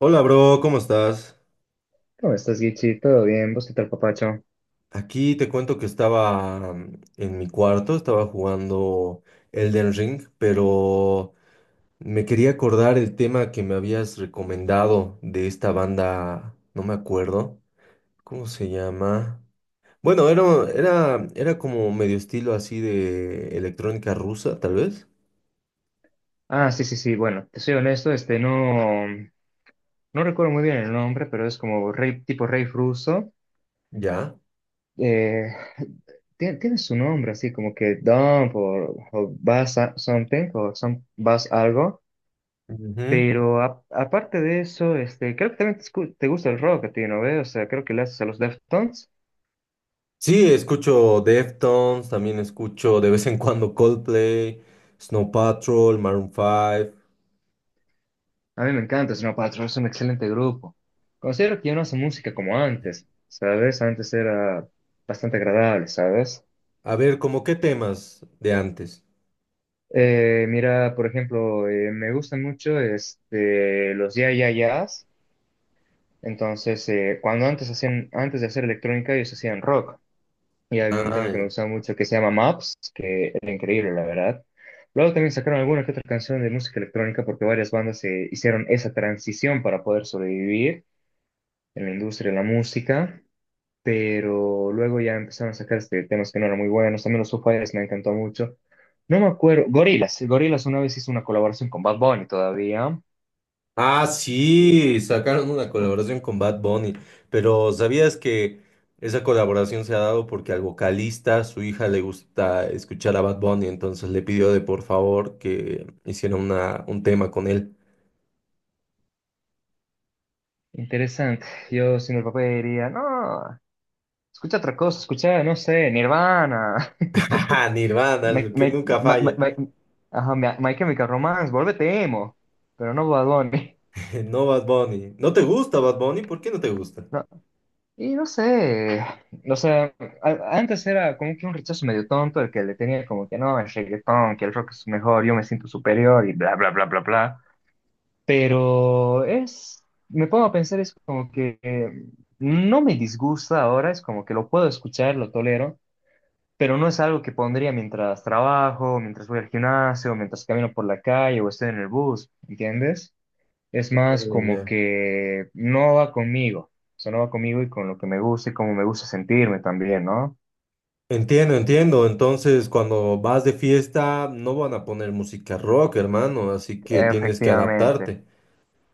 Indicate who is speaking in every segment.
Speaker 1: Hola, bro, ¿cómo estás?
Speaker 2: ¿Cómo estás, Gichi? ¿Todo bien? ¿Vos qué tal, papacho?
Speaker 1: Aquí te cuento que estaba en mi cuarto, estaba jugando Elden Ring, pero me quería acordar el tema que me habías recomendado de esta banda, no me acuerdo, ¿cómo se llama? Bueno, era como medio estilo así de electrónica rusa, tal vez.
Speaker 2: Ah, sí, sí, sí. Bueno, te soy honesto, no recuerdo muy bien el nombre, pero es como rey, tipo rey ruso.
Speaker 1: Ya.
Speaker 2: Eh, tiene su nombre así como que Dump o Buzz Something o some, Buzz algo.
Speaker 1: Ujú.
Speaker 2: Pero aparte de eso, creo que también te gusta el rock a ti, ¿no ves? O sea, creo que le haces a los Deftones.
Speaker 1: Sí, escucho Deftones, también escucho de vez en cuando Coldplay, Snow Patrol, Maroon 5.
Speaker 2: A mí me encanta Snow Patrol, es un excelente grupo. Considero que ya no hace música como antes, ¿sabes? Antes era bastante agradable, ¿sabes?
Speaker 1: A ver, ¿cómo qué temas de antes?
Speaker 2: Mira, por ejemplo, me gustan mucho los Ya Ya Yeahs. Entonces, cuando antes hacían, antes de hacer electrónica, ellos hacían rock. Y había un
Speaker 1: Ah,
Speaker 2: tema que me
Speaker 1: ya.
Speaker 2: gustaba mucho que se llama Maps, que era increíble, la verdad. Luego también sacaron alguna que otra canción de música electrónica porque varias bandas hicieron esa transición para poder sobrevivir en la industria de la música. Pero luego ya empezaron a sacar temas que no eran muy buenos. También los Foo Fighters me encantó mucho. No me acuerdo. Gorillaz. Gorillaz una vez hizo una colaboración con Bad Bunny todavía.
Speaker 1: Ah,
Speaker 2: Eh,
Speaker 1: sí, sacaron una colaboración con Bad Bunny, pero ¿sabías que esa colaboración se ha dado porque al vocalista, su hija le gusta escuchar a Bad Bunny, entonces le pidió de por favor que hiciera un tema con él.
Speaker 2: Interesante. Yo siendo el papá diría, no, escucha otra cosa, escucha, no sé, Nirvana.
Speaker 1: Ajá, Nirvana,
Speaker 2: My,
Speaker 1: el que
Speaker 2: My-
Speaker 1: nunca
Speaker 2: My- My-
Speaker 1: falla.
Speaker 2: My- ajá, My Chemical Romance, vuélvete emo. Pero no Bad Bunny.
Speaker 1: No Bad Bunny. ¿No te gusta Bad Bunny? ¿Por qué no te gusta?
Speaker 2: Y no sé, o sea, antes era como que un rechazo medio tonto el que le tenía como que no, el reggaetón, que el rock es mejor, yo me siento superior y bla, bla, bla, bla, bla. Pero es, me pongo a pensar, es como que no me disgusta ahora, es como que lo puedo escuchar, lo tolero, pero no es algo que pondría mientras trabajo, mientras voy al gimnasio, mientras camino por la calle o estoy en el bus, ¿entiendes? Es más
Speaker 1: Eh,
Speaker 2: como
Speaker 1: ya.
Speaker 2: que no va conmigo, eso no va conmigo y con lo que me gusta y cómo me gusta sentirme también, ¿no?
Speaker 1: Entiendo, entiendo. Entonces, cuando vas de fiesta, no van a poner música rock, hermano. Así que tienes que
Speaker 2: Efectivamente.
Speaker 1: adaptarte.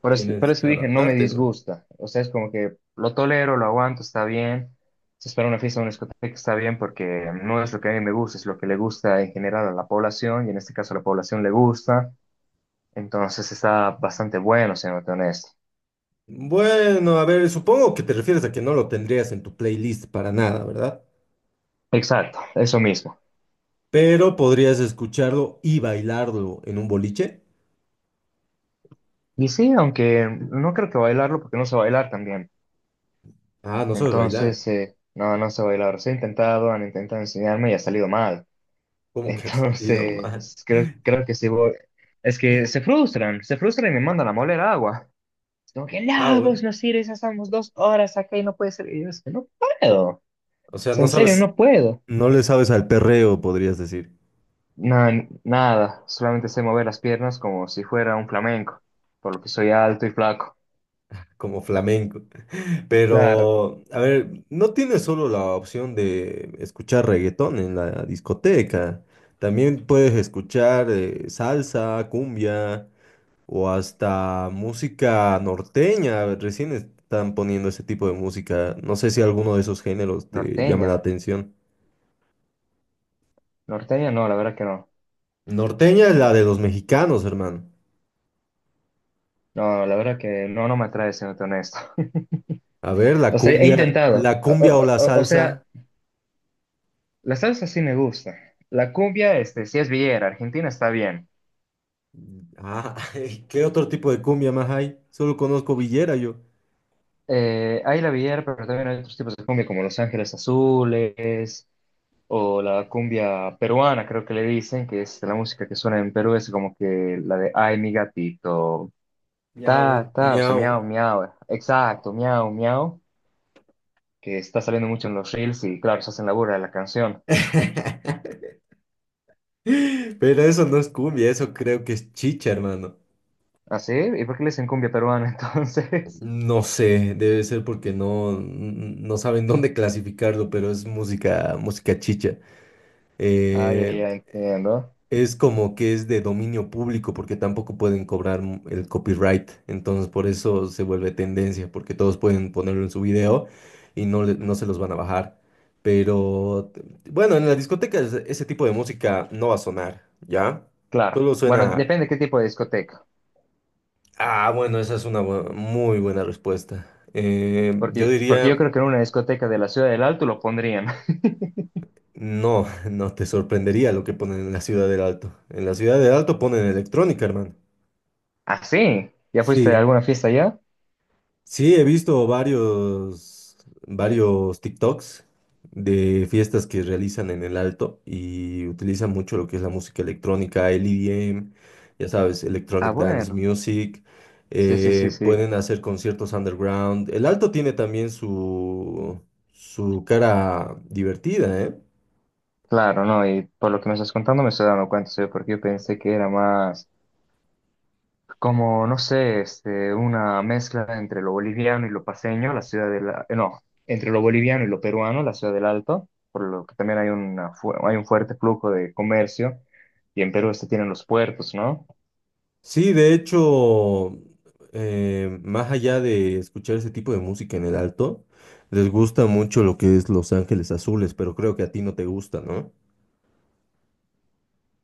Speaker 2: Por
Speaker 1: Tienes
Speaker 2: eso
Speaker 1: que
Speaker 2: dije, no me
Speaker 1: adaptarte, hermano.
Speaker 2: disgusta. O sea, es como que lo tolero, lo aguanto, está bien. Si es para una fiesta o una discoteca, está bien porque no es lo que a mí me gusta, es lo que le gusta en general a la población y en este caso a la población le gusta. Entonces está bastante bueno, siéndote honesto.
Speaker 1: Bueno, a ver, supongo que te refieres a que no lo tendrías en tu playlist para nada, ¿verdad?
Speaker 2: Exacto, eso mismo.
Speaker 1: Pero podrías escucharlo y bailarlo en un boliche.
Speaker 2: Y sí, aunque no creo que bailarlo porque no sé bailar también.
Speaker 1: Ah, no sabes bailar.
Speaker 2: Entonces, no sé bailar. Sí he intentado, han intentado enseñarme y ha salido mal.
Speaker 1: ¿Cómo que has ido
Speaker 2: Entonces,
Speaker 1: mal?
Speaker 2: creo que sí voy. Es que se frustran y me mandan a moler agua. Es como que,
Speaker 1: Ah,
Speaker 2: no, vos
Speaker 1: bueno.
Speaker 2: no sirves, ya estamos 2 horas acá y no puede ser. Y yo, es que no puedo. O
Speaker 1: O sea,
Speaker 2: sea, en serio, no puedo.
Speaker 1: no le sabes al perreo, podrías decir,
Speaker 2: No, nada, solamente sé mover las piernas como si fuera un flamenco, por lo que soy alto y flaco.
Speaker 1: como flamenco.
Speaker 2: Claro.
Speaker 1: Pero, a ver, no tienes solo la opción de escuchar reggaetón en la discoteca. También puedes escuchar salsa, cumbia o hasta música norteña. Recién están poniendo ese tipo de música. No sé si alguno de esos géneros te llama
Speaker 2: Norteña.
Speaker 1: la atención.
Speaker 2: Norteña, no, la verdad que no.
Speaker 1: Norteña es la de los mexicanos, hermano.
Speaker 2: No, la verdad que no, no me atrae, siendo honesto.
Speaker 1: A ver, la
Speaker 2: O sea, he
Speaker 1: cumbia,
Speaker 2: intentado.
Speaker 1: la
Speaker 2: O,
Speaker 1: cumbia o
Speaker 2: o-
Speaker 1: la
Speaker 2: o- o sea,
Speaker 1: salsa.
Speaker 2: la salsa sí me gusta. La cumbia, sí es villera. Argentina está bien.
Speaker 1: Ah, ¿qué otro tipo de cumbia más hay? Solo conozco villera yo.
Speaker 2: Hay la villera, pero también hay otros tipos de cumbia como Los Ángeles Azules o la cumbia peruana, creo que le dicen, que es la música que suena en Perú, es como que la de Ay, mi gatito,
Speaker 1: Miau,
Speaker 2: ta, ta, o sea,
Speaker 1: miau.
Speaker 2: miau, miau, exacto, miau, miau, que está saliendo mucho en los reels y claro, se hacen la burla de la canción.
Speaker 1: Pero eso no es cumbia, eso creo que es chicha, hermano.
Speaker 2: ¿Ah, sí? ¿Y por qué le dicen cumbia peruana entonces?
Speaker 1: No sé, debe ser porque no, no saben dónde clasificarlo, pero es música chicha.
Speaker 2: Ay,
Speaker 1: Eh,
Speaker 2: ya ay, entiendo.
Speaker 1: es como que es de dominio público porque tampoco pueden cobrar m- el copyright, entonces por eso se vuelve tendencia, porque todos pueden ponerlo en su video y no, le- no se los van a bajar. Pero bueno, en las discotecas ese tipo de música no va a sonar, ¿ya?
Speaker 2: Claro.
Speaker 1: Solo
Speaker 2: Bueno,
Speaker 1: suena.
Speaker 2: depende qué tipo de discoteca.
Speaker 1: Ah, bueno, esa es una muy buena respuesta. Yo
Speaker 2: Porque yo
Speaker 1: diría,
Speaker 2: creo que en una discoteca de la Ciudad del Alto lo pondrían.
Speaker 1: no, no te sorprendería lo que ponen en la Ciudad del Alto. En la Ciudad del Alto ponen electrónica, hermano.
Speaker 2: Ah, sí. ¿Ya fuiste a
Speaker 1: Sí.
Speaker 2: alguna fiesta allá?
Speaker 1: Sí, he visto varios TikToks de fiestas que realizan en el Alto y utilizan mucho lo que es la música electrónica, el EDM, ya sabes,
Speaker 2: Ah,
Speaker 1: Electronic Dance
Speaker 2: bueno.
Speaker 1: Music.
Speaker 2: Sí, sí, sí,
Speaker 1: Eh,
Speaker 2: sí.
Speaker 1: pueden hacer conciertos underground. El Alto tiene también su cara divertida, ¿eh?
Speaker 2: Claro, no. Y por lo que me estás contando me estoy dando cuenta, ¿sí? Porque yo pensé que era más como, no sé, una mezcla entre lo boliviano y lo paseño, la Ciudad del, la... no, entre lo boliviano y lo peruano, la Ciudad del Alto. Por lo que también hay un fuerte flujo de comercio. Y en Perú tienen los puertos, ¿no?
Speaker 1: Sí, de hecho, más allá de escuchar ese tipo de música en el alto, les gusta mucho lo que es Los Ángeles Azules, pero creo que a ti no te gusta, ¿no?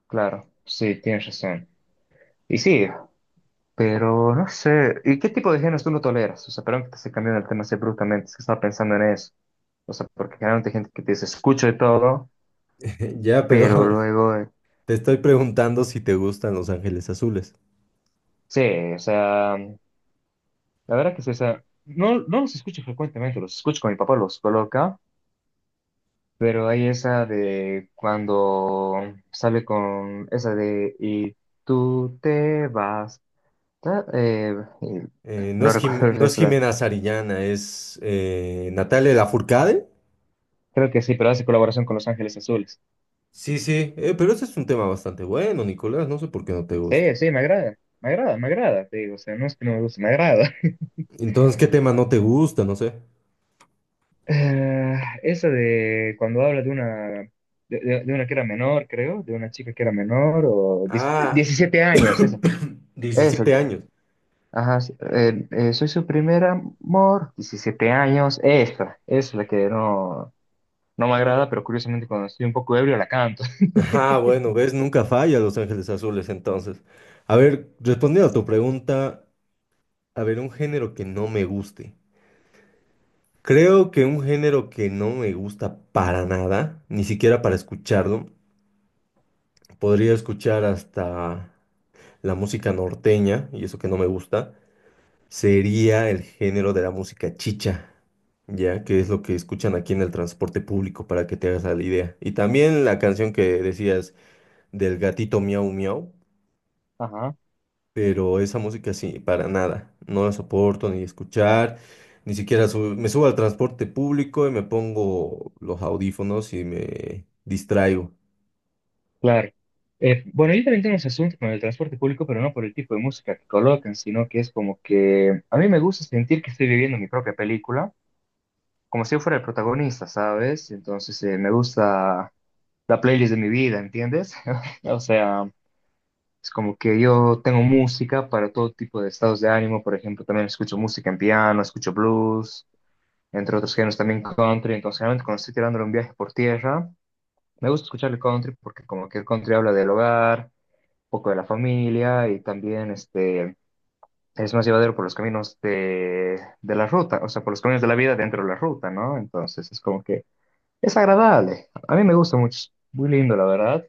Speaker 2: Claro. Sí, tienes razón. Y sí, pero no sé. ¿Y qué tipo de géneros tú no toleras? O sea, perdón que te esté cambiando el tema así bruscamente, es que estaba pensando en eso. O sea, porque generalmente hay gente que te dice, escucho de todo,
Speaker 1: Ya, pero
Speaker 2: pero luego.
Speaker 1: te estoy preguntando si te gustan Los Ángeles Azules.
Speaker 2: Sí, o sea, la verdad que sí, o sea, no los escucho frecuentemente, los escucho con mi papá, los coloca, pero hay esa de cuando sale con esa de y tú te vas. ta- eh, y
Speaker 1: No
Speaker 2: no
Speaker 1: es
Speaker 2: recuerdo
Speaker 1: Jim-
Speaker 2: el
Speaker 1: no es
Speaker 2: resto,
Speaker 1: Jimena Zarillana, es Natalia Lafourcade.
Speaker 2: creo que sí, pero hace colaboración con Los Ángeles Azules.
Speaker 1: Sí, sí, pero ese es un tema bastante bueno, Nicolás, no sé por qué no te gusta.
Speaker 2: Sí, sí, me agrada, me agrada, me agrada, te digo, o sea, no es que no me guste, me agrada.
Speaker 1: Entonces, ¿qué tema no te gusta? No sé.
Speaker 2: Eh, esa de cuando habla de una, de una que era menor, creo, de una chica que era menor, o
Speaker 1: Ah,
Speaker 2: 17 años, esa, esa,
Speaker 1: 17 años.
Speaker 2: ajá, sí, soy su primer amor, 17 años, esa es la que no, me agrada, pero curiosamente cuando estoy un poco ebrio la canto,
Speaker 1: Ah, bueno, ves, nunca falla Los Ángeles Azules entonces. A ver, respondiendo a tu pregunta, a ver, un género que no me guste. Creo que un género que no me gusta para nada, ni siquiera para escucharlo, podría escuchar hasta la música norteña, y eso que no me gusta, sería el género de la música chicha, ya que es lo que escuchan aquí en el transporte público, para que te hagas la idea. Y también la canción que decías del gatito miau miau.
Speaker 2: ajá.
Speaker 1: Pero esa música sí, para nada, no la soporto ni escuchar, ni siquiera me subo al transporte público y me pongo los audífonos y me distraigo.
Speaker 2: Claro. Bueno, yo también tengo ese asunto con el transporte público, pero no por el tipo de música que colocan, sino que es como que a mí me gusta sentir que estoy viviendo mi propia película, como si yo fuera el protagonista, ¿sabes? Entonces me gusta la playlist de mi vida, ¿entiendes? O sea, es como que yo tengo música para todo tipo de estados de ánimo, por ejemplo, también escucho música en piano, escucho blues, entre otros géneros también country, entonces generalmente cuando estoy tirándole un viaje por tierra, me gusta escuchar el country porque como que el country habla del hogar poco de la familia y también es más llevadero por los caminos de la ruta, o sea, por los caminos de la vida dentro de la ruta, ¿no? Entonces es como que es agradable. A mí me gusta mucho, es muy lindo, la verdad.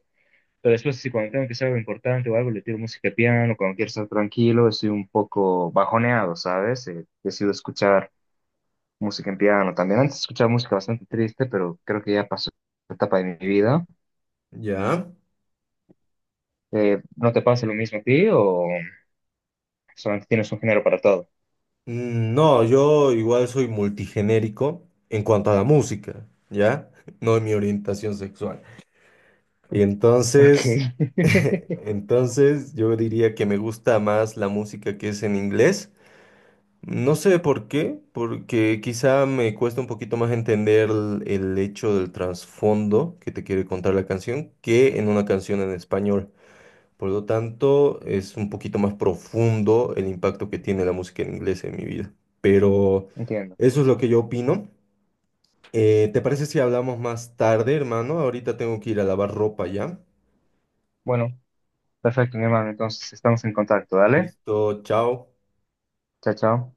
Speaker 2: Pero después, si cuando tengo que hacer algo importante o algo, le tiro música de piano, cuando quiero estar tranquilo, estoy un poco bajoneado, ¿sabes? Decido escuchar música en piano también. Antes escuchaba música bastante triste, pero creo que ya pasó la etapa de mi vida.
Speaker 1: ¿Ya?
Speaker 2: ¿No te pasa lo mismo a ti o solamente tienes un género para todo?
Speaker 1: Mm, no, yo igual soy multigenérico en cuanto a la música, ¿ya? No en mi orientación sexual. Y
Speaker 2: Ok,
Speaker 1: entonces, entonces yo diría que me gusta más la música que es en inglés. No sé por qué, porque quizá me cuesta un poquito más entender el hecho del trasfondo que te quiere contar la canción que en una canción en español. Por lo tanto, es un poquito más profundo el impacto que tiene la música en inglés en mi vida. Pero
Speaker 2: entiendo.
Speaker 1: eso es lo que yo opino. ¿Te parece si hablamos más tarde, hermano? Ahorita tengo que ir a lavar ropa ya.
Speaker 2: Bueno, perfecto, mi hermano. Entonces estamos en contacto, ¿dale?
Speaker 1: Listo, chao.
Speaker 2: Chao, chao.